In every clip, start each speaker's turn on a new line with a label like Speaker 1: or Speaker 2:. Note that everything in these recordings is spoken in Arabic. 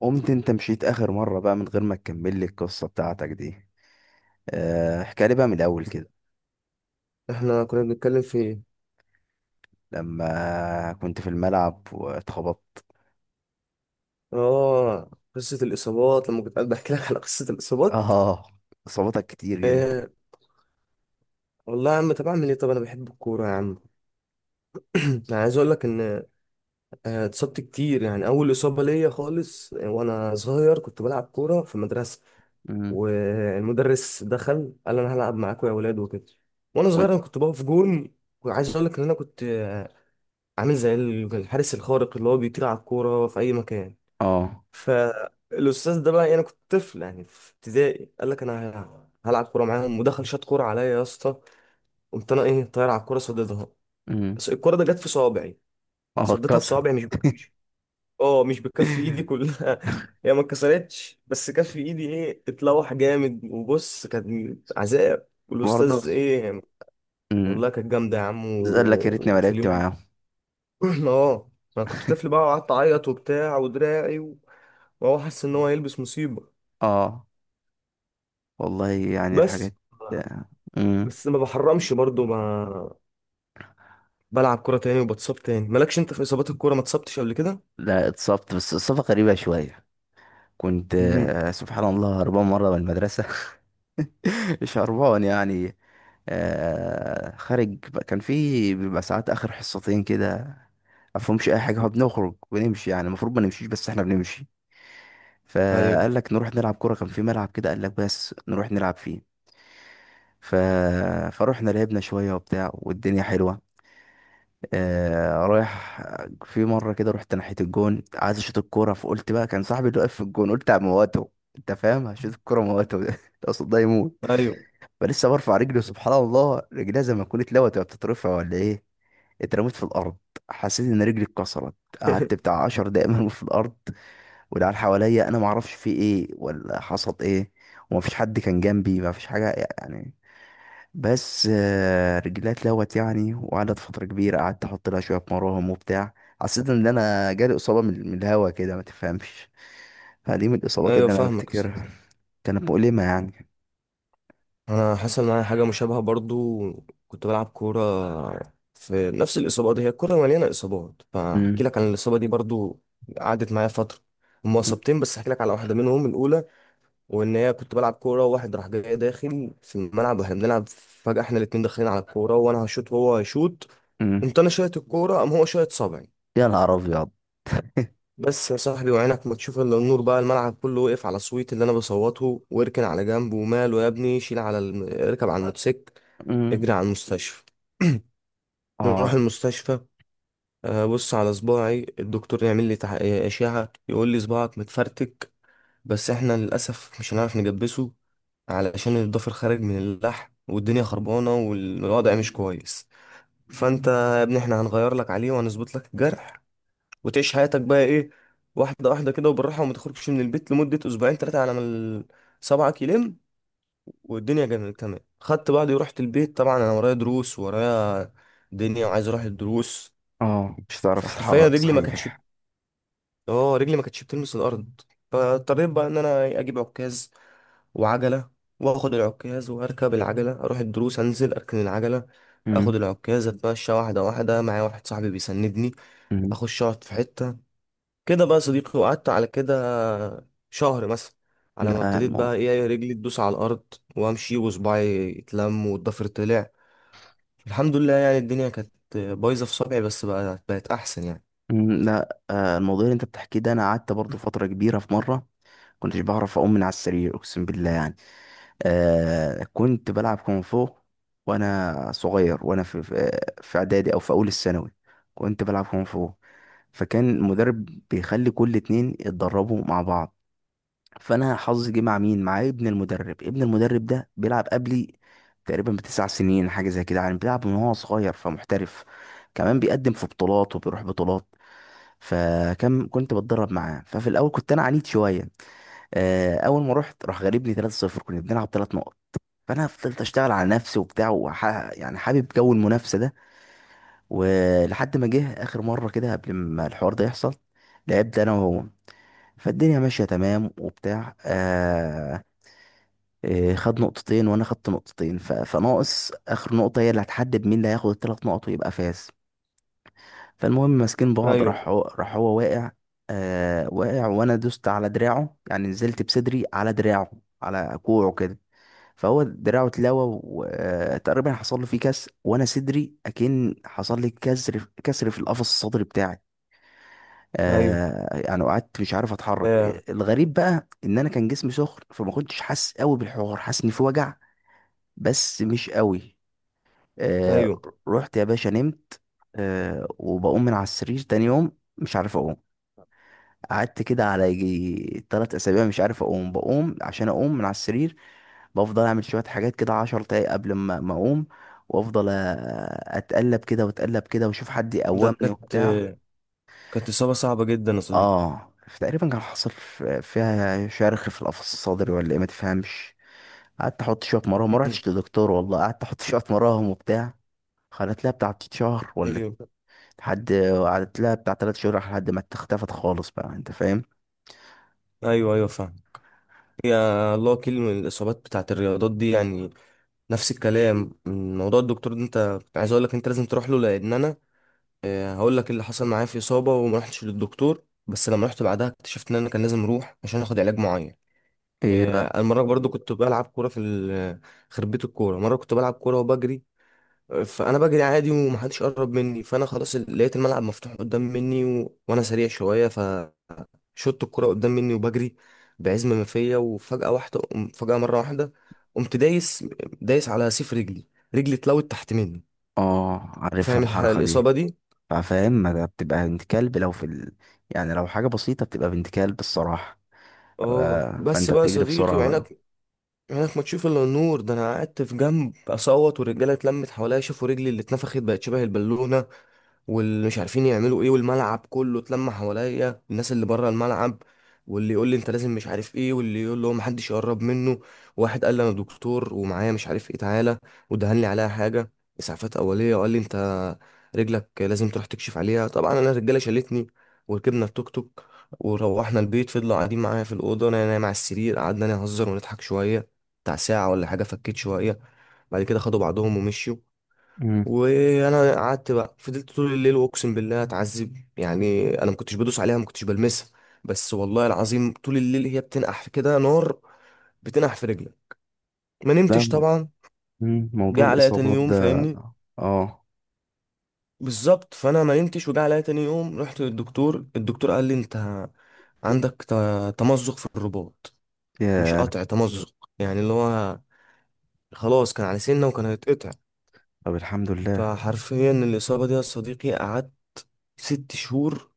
Speaker 1: قمت انت مشيت اخر مرة بقى من غير ما تكمل لي القصة بتاعتك دي؟ احكي لي بقى من الاول كده.
Speaker 2: احنا كنا بنتكلم في ايه؟
Speaker 1: لما كنت في الملعب واتخبطت.
Speaker 2: اه، قصة الإصابات لما كنت قاعد بحكي لك على قصة الإصابات.
Speaker 1: اه. اصابتك كتير جدا.
Speaker 2: إيه، والله يا عم، طب أعمل إيه؟ طب أنا بحب الكورة يا عم. أنا عايز أقول لك إن اتصبت كتير. يعني أول إصابة ليا خالص، وأنا صغير كنت بلعب كورة في المدرسة.
Speaker 1: امم.
Speaker 2: والمدرس دخل قال أنا هلعب معاكم يا ولاد وكده. وأنا
Speaker 1: و-
Speaker 2: صغير أنا كنت بقف جون. وعايز أقول لك إن أنا كنت عامل زي الحارس الخارق اللي هو بيطير على الكورة في أي مكان.
Speaker 1: اه.
Speaker 2: فالاستاذ ده بقى، يعني انا كنت طفل يعني في ابتدائي، قال لك انا هلعب كوره معاهم ودخل شاط كوره عليا يا اسطى. قمت انا ايه طاير على الكوره صديتها.
Speaker 1: امم.
Speaker 2: بس الكوره ده جت في صوابعي.
Speaker 1: اه،
Speaker 2: صديتها
Speaker 1: اتكسر.
Speaker 2: بصوابعي مش بكفي. اه، مش بكف ايدي كلها. هي ما اتكسرتش بس كف ايدي ايه اتلوح جامد وبص كان عذاب
Speaker 1: برضه.
Speaker 2: والاستاذ ايه.
Speaker 1: امم.
Speaker 2: والله كانت جامده يا عم
Speaker 1: قال لك يا ريتني ما
Speaker 2: وفي
Speaker 1: لعبت
Speaker 2: اليوم ده.
Speaker 1: معاهم.
Speaker 2: اه، انا كنت طفل بقى وقعدت اعيط وبتاع ودراعي. وهو حاسس ان هو هيلبس مصيبه.
Speaker 1: اه، والله يعني
Speaker 2: بس.
Speaker 1: الحاجات. امم.
Speaker 2: بس ما بحرمش برضو. ما بلعب كرة تاني وبتصاب تاني. مالكش انت في اصابات الكورة؟ ما اتصبتش قبل كده؟
Speaker 1: لا، اتصبت بس اصابة غريبة شوية. كنت
Speaker 2: امم،
Speaker 1: سبحان الله هربان مرة من المدرسة. شربان يعني. آه، كان في بيبقى ساعات اخر حصتين كده. مفهومش اي حاجه، هو بنخرج ونمشي يعني المفروض ما نمشيش بس احنا بنمشي.
Speaker 2: ايوه،
Speaker 1: فقال لك نروح نلعب كوره، كان في ملعب كده، قال لك بس نروح نلعب فيه. ف... فروحنا لعبنا شويه وبتاع والدنيا حلوه. آه، رايح. في مره كده رحت ناحيه الجون عايز اشوط الكوره، فقلت بقى كان صاحبي اللي واقف في الجون قلت على مواته. انت فاهم؟ هشوط الكوره مواته ده، قصاد ده يموت.
Speaker 2: ايوه.
Speaker 1: فلسه برفع رجلي، سبحان الله رجليها زي ما تكون اتلوت وهي بتترفع ولا ايه. اترميت في الارض. حسيت ان رجلي اتكسرت. قعدت بتاع 10 دقايق مرمي في الارض. والعيال حواليا انا ما اعرفش في ايه ولا حصل ايه. ومفيش حد كان جنبي، مفيش حاجه يعني. بس رجليها اتلوت يعني، وقعدت فتره كبيره قعدت احط لها شويه مراهم وبتاع. حسيت ان انا جالي اصابه من الهوا كده ما تفهمش. فدي من الاصابات
Speaker 2: ايوه،
Speaker 1: اللي انا
Speaker 2: فاهمك يا أستاذ.
Speaker 1: بفتكرها. كانت مؤلمه يعني.
Speaker 2: انا حصل معايا حاجة مشابهة برضو. كنت بلعب كورة. في نفس الإصابة دي، هي الكورة مليانة إصابات، فاحكي
Speaker 1: امم.
Speaker 2: لك عن الإصابة دي برضو. قعدت معايا فترة. هما إصابتين بس احكي لك على واحدة منهم، الأولى. وإن هي كنت بلعب كورة وواحد راح جاي داخل في الملعب واحنا بنلعب، فجأة احنا الاتنين داخلين على الكورة وأنا هشوط وهو هيشوط.
Speaker 1: امم.
Speaker 2: قمت أنا شايط الكورة، قام هو شايط صابعي.
Speaker 1: يا نهار ابيض.
Speaker 2: بس يا صاحبي وعينك ما تشوف الا النور بقى. الملعب كله وقف على صويت اللي انا بصوته. واركن على جنب وماله يا ابني، شيل على اركب على الموتوسيكل.
Speaker 1: امم.
Speaker 2: اجري على المستشفى. نروح
Speaker 1: اه.
Speaker 2: المستشفى. بص على صباعي. الدكتور يعمل لي اشعه. يقول لي صباعك متفرتك. بس احنا للاسف مش هنعرف نجبسه، علشان الضفر خارج من اللحم والدنيا خربانه والوضع مش كويس. فانت يا ابني، احنا هنغير لك عليه وهنظبط لك الجرح، وتعيش حياتك بقى ايه، واحدة واحدة كده وبالراحة. وما تخرجش من البيت لمدة أسبوعين تلاتة على ما صبعك يلم. والدنيا جميلة، تمام. خدت بعضي ورحت البيت. طبعا أنا ورايا دروس، ورايا دنيا، وعايز أروح الدروس.
Speaker 1: اه، مش هتعرف
Speaker 2: فحرفيا
Speaker 1: تتحرك
Speaker 2: رجلي ما كانتش.
Speaker 1: صحيح.
Speaker 2: اه، رجلي ما كانتش بتلمس الأرض. فاضطريت بقى إن أنا إيه، أجيب عكاز وعجلة، وآخد العكاز وأركب العجلة أروح الدروس، أنزل أركن العجلة،
Speaker 1: امم.
Speaker 2: اخد العكاز اتمشى واحده واحده، معايا واحد صاحبي بيسندني.
Speaker 1: امم.
Speaker 2: اخش اقعد في حته كده بقى يا صديقي. وقعدت على كده شهر مثلا على ما
Speaker 1: لا
Speaker 2: ابتديت
Speaker 1: المو...
Speaker 2: بقى ايه، إيه، رجلي تدوس على الارض وامشي وصباعي يتلم والضفر طلع. الحمد لله يعني. الدنيا كانت بايظه في صبعي بس بقى بقت احسن يعني.
Speaker 1: مم. لا، الموضوع اللي انت بتحكيه ده انا قعدت برضو فتره كبيره. في مره كنتش بعرف اقوم من على السرير اقسم بالله يعني. كنت بلعب كونغ فو وانا صغير. وانا في في اعدادي او في اول الثانوي كنت بلعب كونغ فو. فكان المدرب بيخلي كل اتنين يتدربوا مع بعض. فانا حظي جه مع مين؟ مع ابن المدرب. ابن المدرب ده بيلعب قبلي تقريبا ب9 سنين حاجه زي كده يعني، بيلعب من وهو صغير فمحترف، كمان بيقدم في بطولات وبيروح بطولات. كنت بتدرب معاه، ففي الاول كنت انا عنيد شويه. اول ما رحت راح غالبني 3-0، كنا بنلعب 3 نقط. فانا فضلت اشتغل على نفسي وبتاع يعني حابب جو المنافسه ده. ولحد ما جه اخر مره كده قبل ما الحوار ده يحصل لعبت انا وهو. فالدنيا ماشيه تمام وبتاع إيه، خد نقطتين وانا خدت نقطتين فناقص اخر نقطة، هي اللي هتحدد مين اللي هياخد الثلاث نقط ويبقى فاز. فالمهم، ماسكين بعض،
Speaker 2: ايوه،
Speaker 1: راح هو واقع. واقع وانا دوست على دراعه، يعني نزلت بصدري على دراعه، على كوعه كده. فهو دراعه اتلوى وتقريبا حصل له فيه كسر، وانا صدري اكن حصل لي كسر في القفص الصدري بتاعي.
Speaker 2: ايوه،
Speaker 1: آه، يعني قعدت مش عارف اتحرك.
Speaker 2: آه،
Speaker 1: الغريب بقى ان انا كان جسمي سخن فما كنتش حاسس قوي بالحوار، حاسس ان في وجع بس مش قوي. آه.
Speaker 2: ايوه.
Speaker 1: رحت يا باشا نمت. وبقوم من على السرير تاني يوم مش عارف اقوم. قعدت كده على يجي 3 اسابيع مش عارف اقوم. بقوم عشان اقوم من على السرير بفضل اعمل شوية حاجات كده عشر دقايق قبل ما اقوم. وافضل اتقلب كده واتقلب كده واشوف حد
Speaker 2: ده
Speaker 1: يقومني
Speaker 2: كانت،
Speaker 1: وبتاع.
Speaker 2: كانت اصابه صعبه جدا يا صديقي.
Speaker 1: اه. تقريبا كان حصل فيها شرخ في القفص الصدري ولا ايه ما تفهمش. قعدت احط شويه مراهم ما
Speaker 2: مم.
Speaker 1: رحتش لدكتور والله، قعدت احط شويه مراهم وبتاع. خلت لها بتاع 3 شهر ولا...
Speaker 2: ايوه،
Speaker 1: لحد. قعدت لها بتاع 3 شهور لحد ما اختفت خالص بقى انت فاهم.
Speaker 2: ايوه، ايوه فاهم. يا الله، كل الاصابات بتاعت الرياضات دي يعني. نفس الكلام من موضوع الدكتور ده، انت عايز اقول لك انت لازم تروح له، لان انا هقول لك إيه اللي حصل معايا في إصابة وما رحتش للدكتور، بس لما رحت بعدها اكتشفت إن أنا كان لازم أروح عشان آخد علاج معين.
Speaker 1: ايه بقى؟
Speaker 2: المرة برضو كنت بلعب كورة في خربية الكورة. مرة كنت بلعب كورة وبجري. فأنا بجري عادي ومحدش قرب مني، فأنا خلاص لقيت الملعب مفتوح قدام مني وأنا سريع شوية. فشوت الكورة قدام مني وبجري بعزم ما فيا. وفجأة واحدة، فجأة مرة واحدة، قمت دايس، دايس على سيف رجلي. رجلي اتلوت تحت مني.
Speaker 1: اه، عارفها
Speaker 2: فاهم
Speaker 1: الحركة دي.
Speaker 2: الإصابة دي.
Speaker 1: فاهم، ما ده بتبقى بنت كلب لو في يعني لو حاجة بسيطة بتبقى بنت كلب الصراحة.
Speaker 2: اه، بس
Speaker 1: فانت
Speaker 2: بقى يا
Speaker 1: بتجري
Speaker 2: صديقي
Speaker 1: بسرعة بقى.
Speaker 2: وعينك، عينك ما تشوف الا النور. ده انا قعدت في جنب اصوت، والرجاله اتلمت حواليا، شافوا رجلي اللي اتنفخت بقت شبه البالونه. واللي مش عارفين يعملوا ايه، والملعب كله اتلم حواليا، الناس اللي بره الملعب، واللي يقول لي انت لازم مش عارف ايه، واللي يقول له محدش يقرب منه. واحد قال لي انا دكتور ومعايا مش عارف ايه، تعالى، ودهن لي عليها حاجه، اسعافات اوليه. وقال لي انت رجلك لازم تروح تكشف عليها. طبعا انا الرجاله شالتني وركبنا التوك توك وروحنا البيت. فضلوا قاعدين معايا في الاوضه، انا نايم على السرير، قعدنا نهزر ونضحك شويه بتاع ساعه ولا حاجه. فكيت شويه بعد كده، خدوا بعضهم ومشوا.
Speaker 1: امم.
Speaker 2: وانا قعدت بقى، فضلت طول الليل واقسم بالله اتعذب يعني. انا ما كنتش بدوس عليها، ما كنتش بلمسها، بس والله العظيم طول الليل هي بتنقح في كده نار. بتنقح في رجلي. ما
Speaker 1: لا
Speaker 2: نمتش
Speaker 1: مو-
Speaker 2: طبعا. جه
Speaker 1: موضوع
Speaker 2: عليا تاني
Speaker 1: الإصابات
Speaker 2: يوم
Speaker 1: ده.
Speaker 2: فاهمني.
Speaker 1: اه.
Speaker 2: بالظبط، فانا ما نمتش وجه عليا تاني يوم رحت للدكتور. الدكتور قال لي انت عندك تمزق في الرباط. مش
Speaker 1: يا.
Speaker 2: قطع، تمزق يعني، اللي هو خلاص كان على سنه وكان هيتقطع.
Speaker 1: طب الحمد لله.
Speaker 2: فحرفيا الاصابه دي يا صديقي قعدت 6 شهور.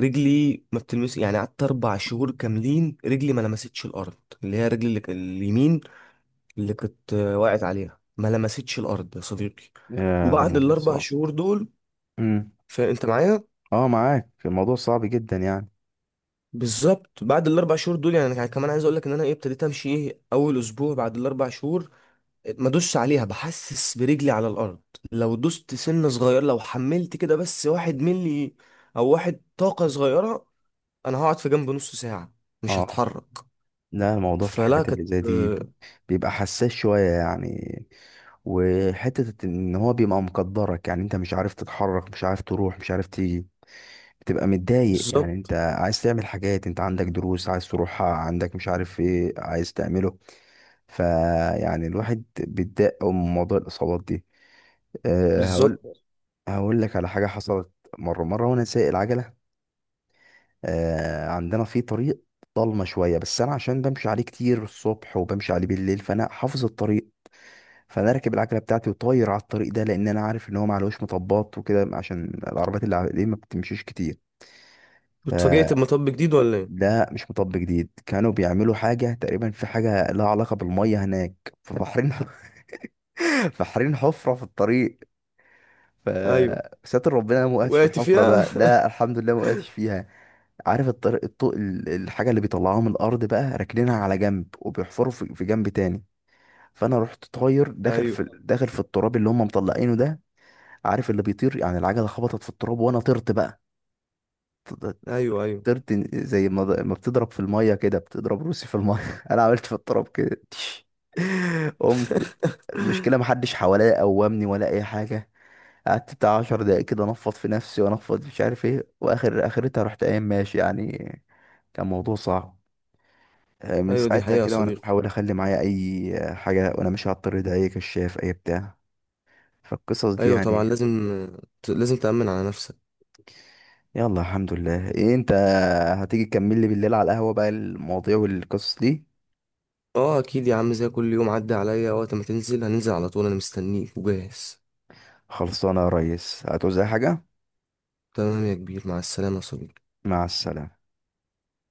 Speaker 2: رجلي ما بتلمس يعني. قعدت 4 شهور كاملين، رجلي ما لمستش الارض. اللي هي رجلي اللي اليمين، اللي كنت واقعت عليها، ما لمستش الارض يا صديقي.
Speaker 1: يا، ده
Speaker 2: وبعد
Speaker 1: الموضوع
Speaker 2: الاربع
Speaker 1: صعب.
Speaker 2: شهور دول،
Speaker 1: مم.
Speaker 2: فانت معايا.
Speaker 1: اه، معاك الموضوع صعب جدا يعني.
Speaker 2: بالظبط. بعد الاربع شهور دول، يعني انا كمان عايز اقول لك ان انا ايه ابتديت امشي ايه اول اسبوع بعد الاربع شهور. ما ادوسش عليها، بحسس برجلي على الارض. لو دوست سن صغير، لو حملت كده بس 1 ملي، او واحد طاقه صغيره، انا هقعد في جنب نص ساعه. مش
Speaker 1: اه.
Speaker 2: هتحرك.
Speaker 1: لا الموضوع في
Speaker 2: فلا
Speaker 1: الحاجات اللي
Speaker 2: كانت،
Speaker 1: زي دي
Speaker 2: آه،
Speaker 1: بيبقى حساس شوية يعني. وحتة ان هو بيبقى مقدرك يعني، انت مش عارف تتحرك، مش عارف تروح، مش عارف تيجي. بتبقى متضايق يعني، انت
Speaker 2: بالظبط،
Speaker 1: عايز تعمل حاجات، انت عندك دروس عايز تروحها، عندك مش عارف ايه عايز تعمله. فيعني الواحد بيتضايق أوي من موضوع الإصابات دي. أه هقول.
Speaker 2: بالظبط.
Speaker 1: هقول لك على حاجة حصلت. مرة وانا سايق العجلة. عندنا في طريق ضلمه شويه، بس انا عشان بمشي عليه كتير الصبح وبمشي عليه بالليل فانا حافظ الطريق. فانا راكب العجله بتاعتي وطاير على الطريق ده، لان انا عارف ان هو معلوش مطبات وكده عشان العربيات اللي عليه ما بتمشيش كتير.
Speaker 2: واتفاجئت
Speaker 1: فده
Speaker 2: لما طب جديد ولا ايه؟
Speaker 1: مش مطب جديد، كانوا بيعملوا حاجه تقريبا، في حاجه لها علاقه بالميه هناك فبحرين. فحرين حفره في الطريق. ف-
Speaker 2: ايوه
Speaker 1: ستر ربنا، أنا ما وقعتش في
Speaker 2: وقعت
Speaker 1: الحفره
Speaker 2: فيها.
Speaker 1: بقى، لا الحمد لله ما وقعتش فيها. عارف الطرق، الطوق الحاجة اللي بيطلعوها من الأرض بقى راكنينها على جنب وبيحفروا في جنب تاني. فأنا رحت طاير
Speaker 2: ايوه،
Speaker 1: داخل في التراب اللي هم مطلعينه ده. عارف اللي بيطير يعني، العجلة خبطت في التراب وأنا طرت بقى. ط-
Speaker 2: ايوه، ايوه،
Speaker 1: طرت زي ما بتضرب في المية كده، بتضرب روسي في المية. أنا عملت في التراب كده، تش. قمت. المشكلة محدش حواليا قومني ولا أي حاجة. قعدت بتاع 10 دقايق كده انفض في نفسي وانفض مش عارف ايه، واخر اخرتها رحت قايم ماشي يعني. كان موضوع صعب. من
Speaker 2: ايوه، دي
Speaker 1: ساعتها
Speaker 2: حقيقة يا
Speaker 1: كده وانا
Speaker 2: صديقي.
Speaker 1: بحاول اخلي معايا اي حاجه وانا ماشي على الطريق ده، اي كشاف اي بتاع. فالقصص دي
Speaker 2: ايوه طبعا
Speaker 1: يعني.
Speaker 2: لازم. لازم تأمن على نفسك.
Speaker 1: يلا الحمد لله. ايه انت، هتيجي تكمل لي بالليل على القهوه بقى المواضيع والقصص دي؟
Speaker 2: اه اكيد يا عم، زي كل يوم، عدى عليا وقت ما تنزل هننزل على طول، انا مستنيك وجاهز.
Speaker 1: خلصانه يا ريس، هتعوز اي حاجه؟
Speaker 2: تمام يا كبير، مع السلامة يا صديقي.
Speaker 1: مع السلامه.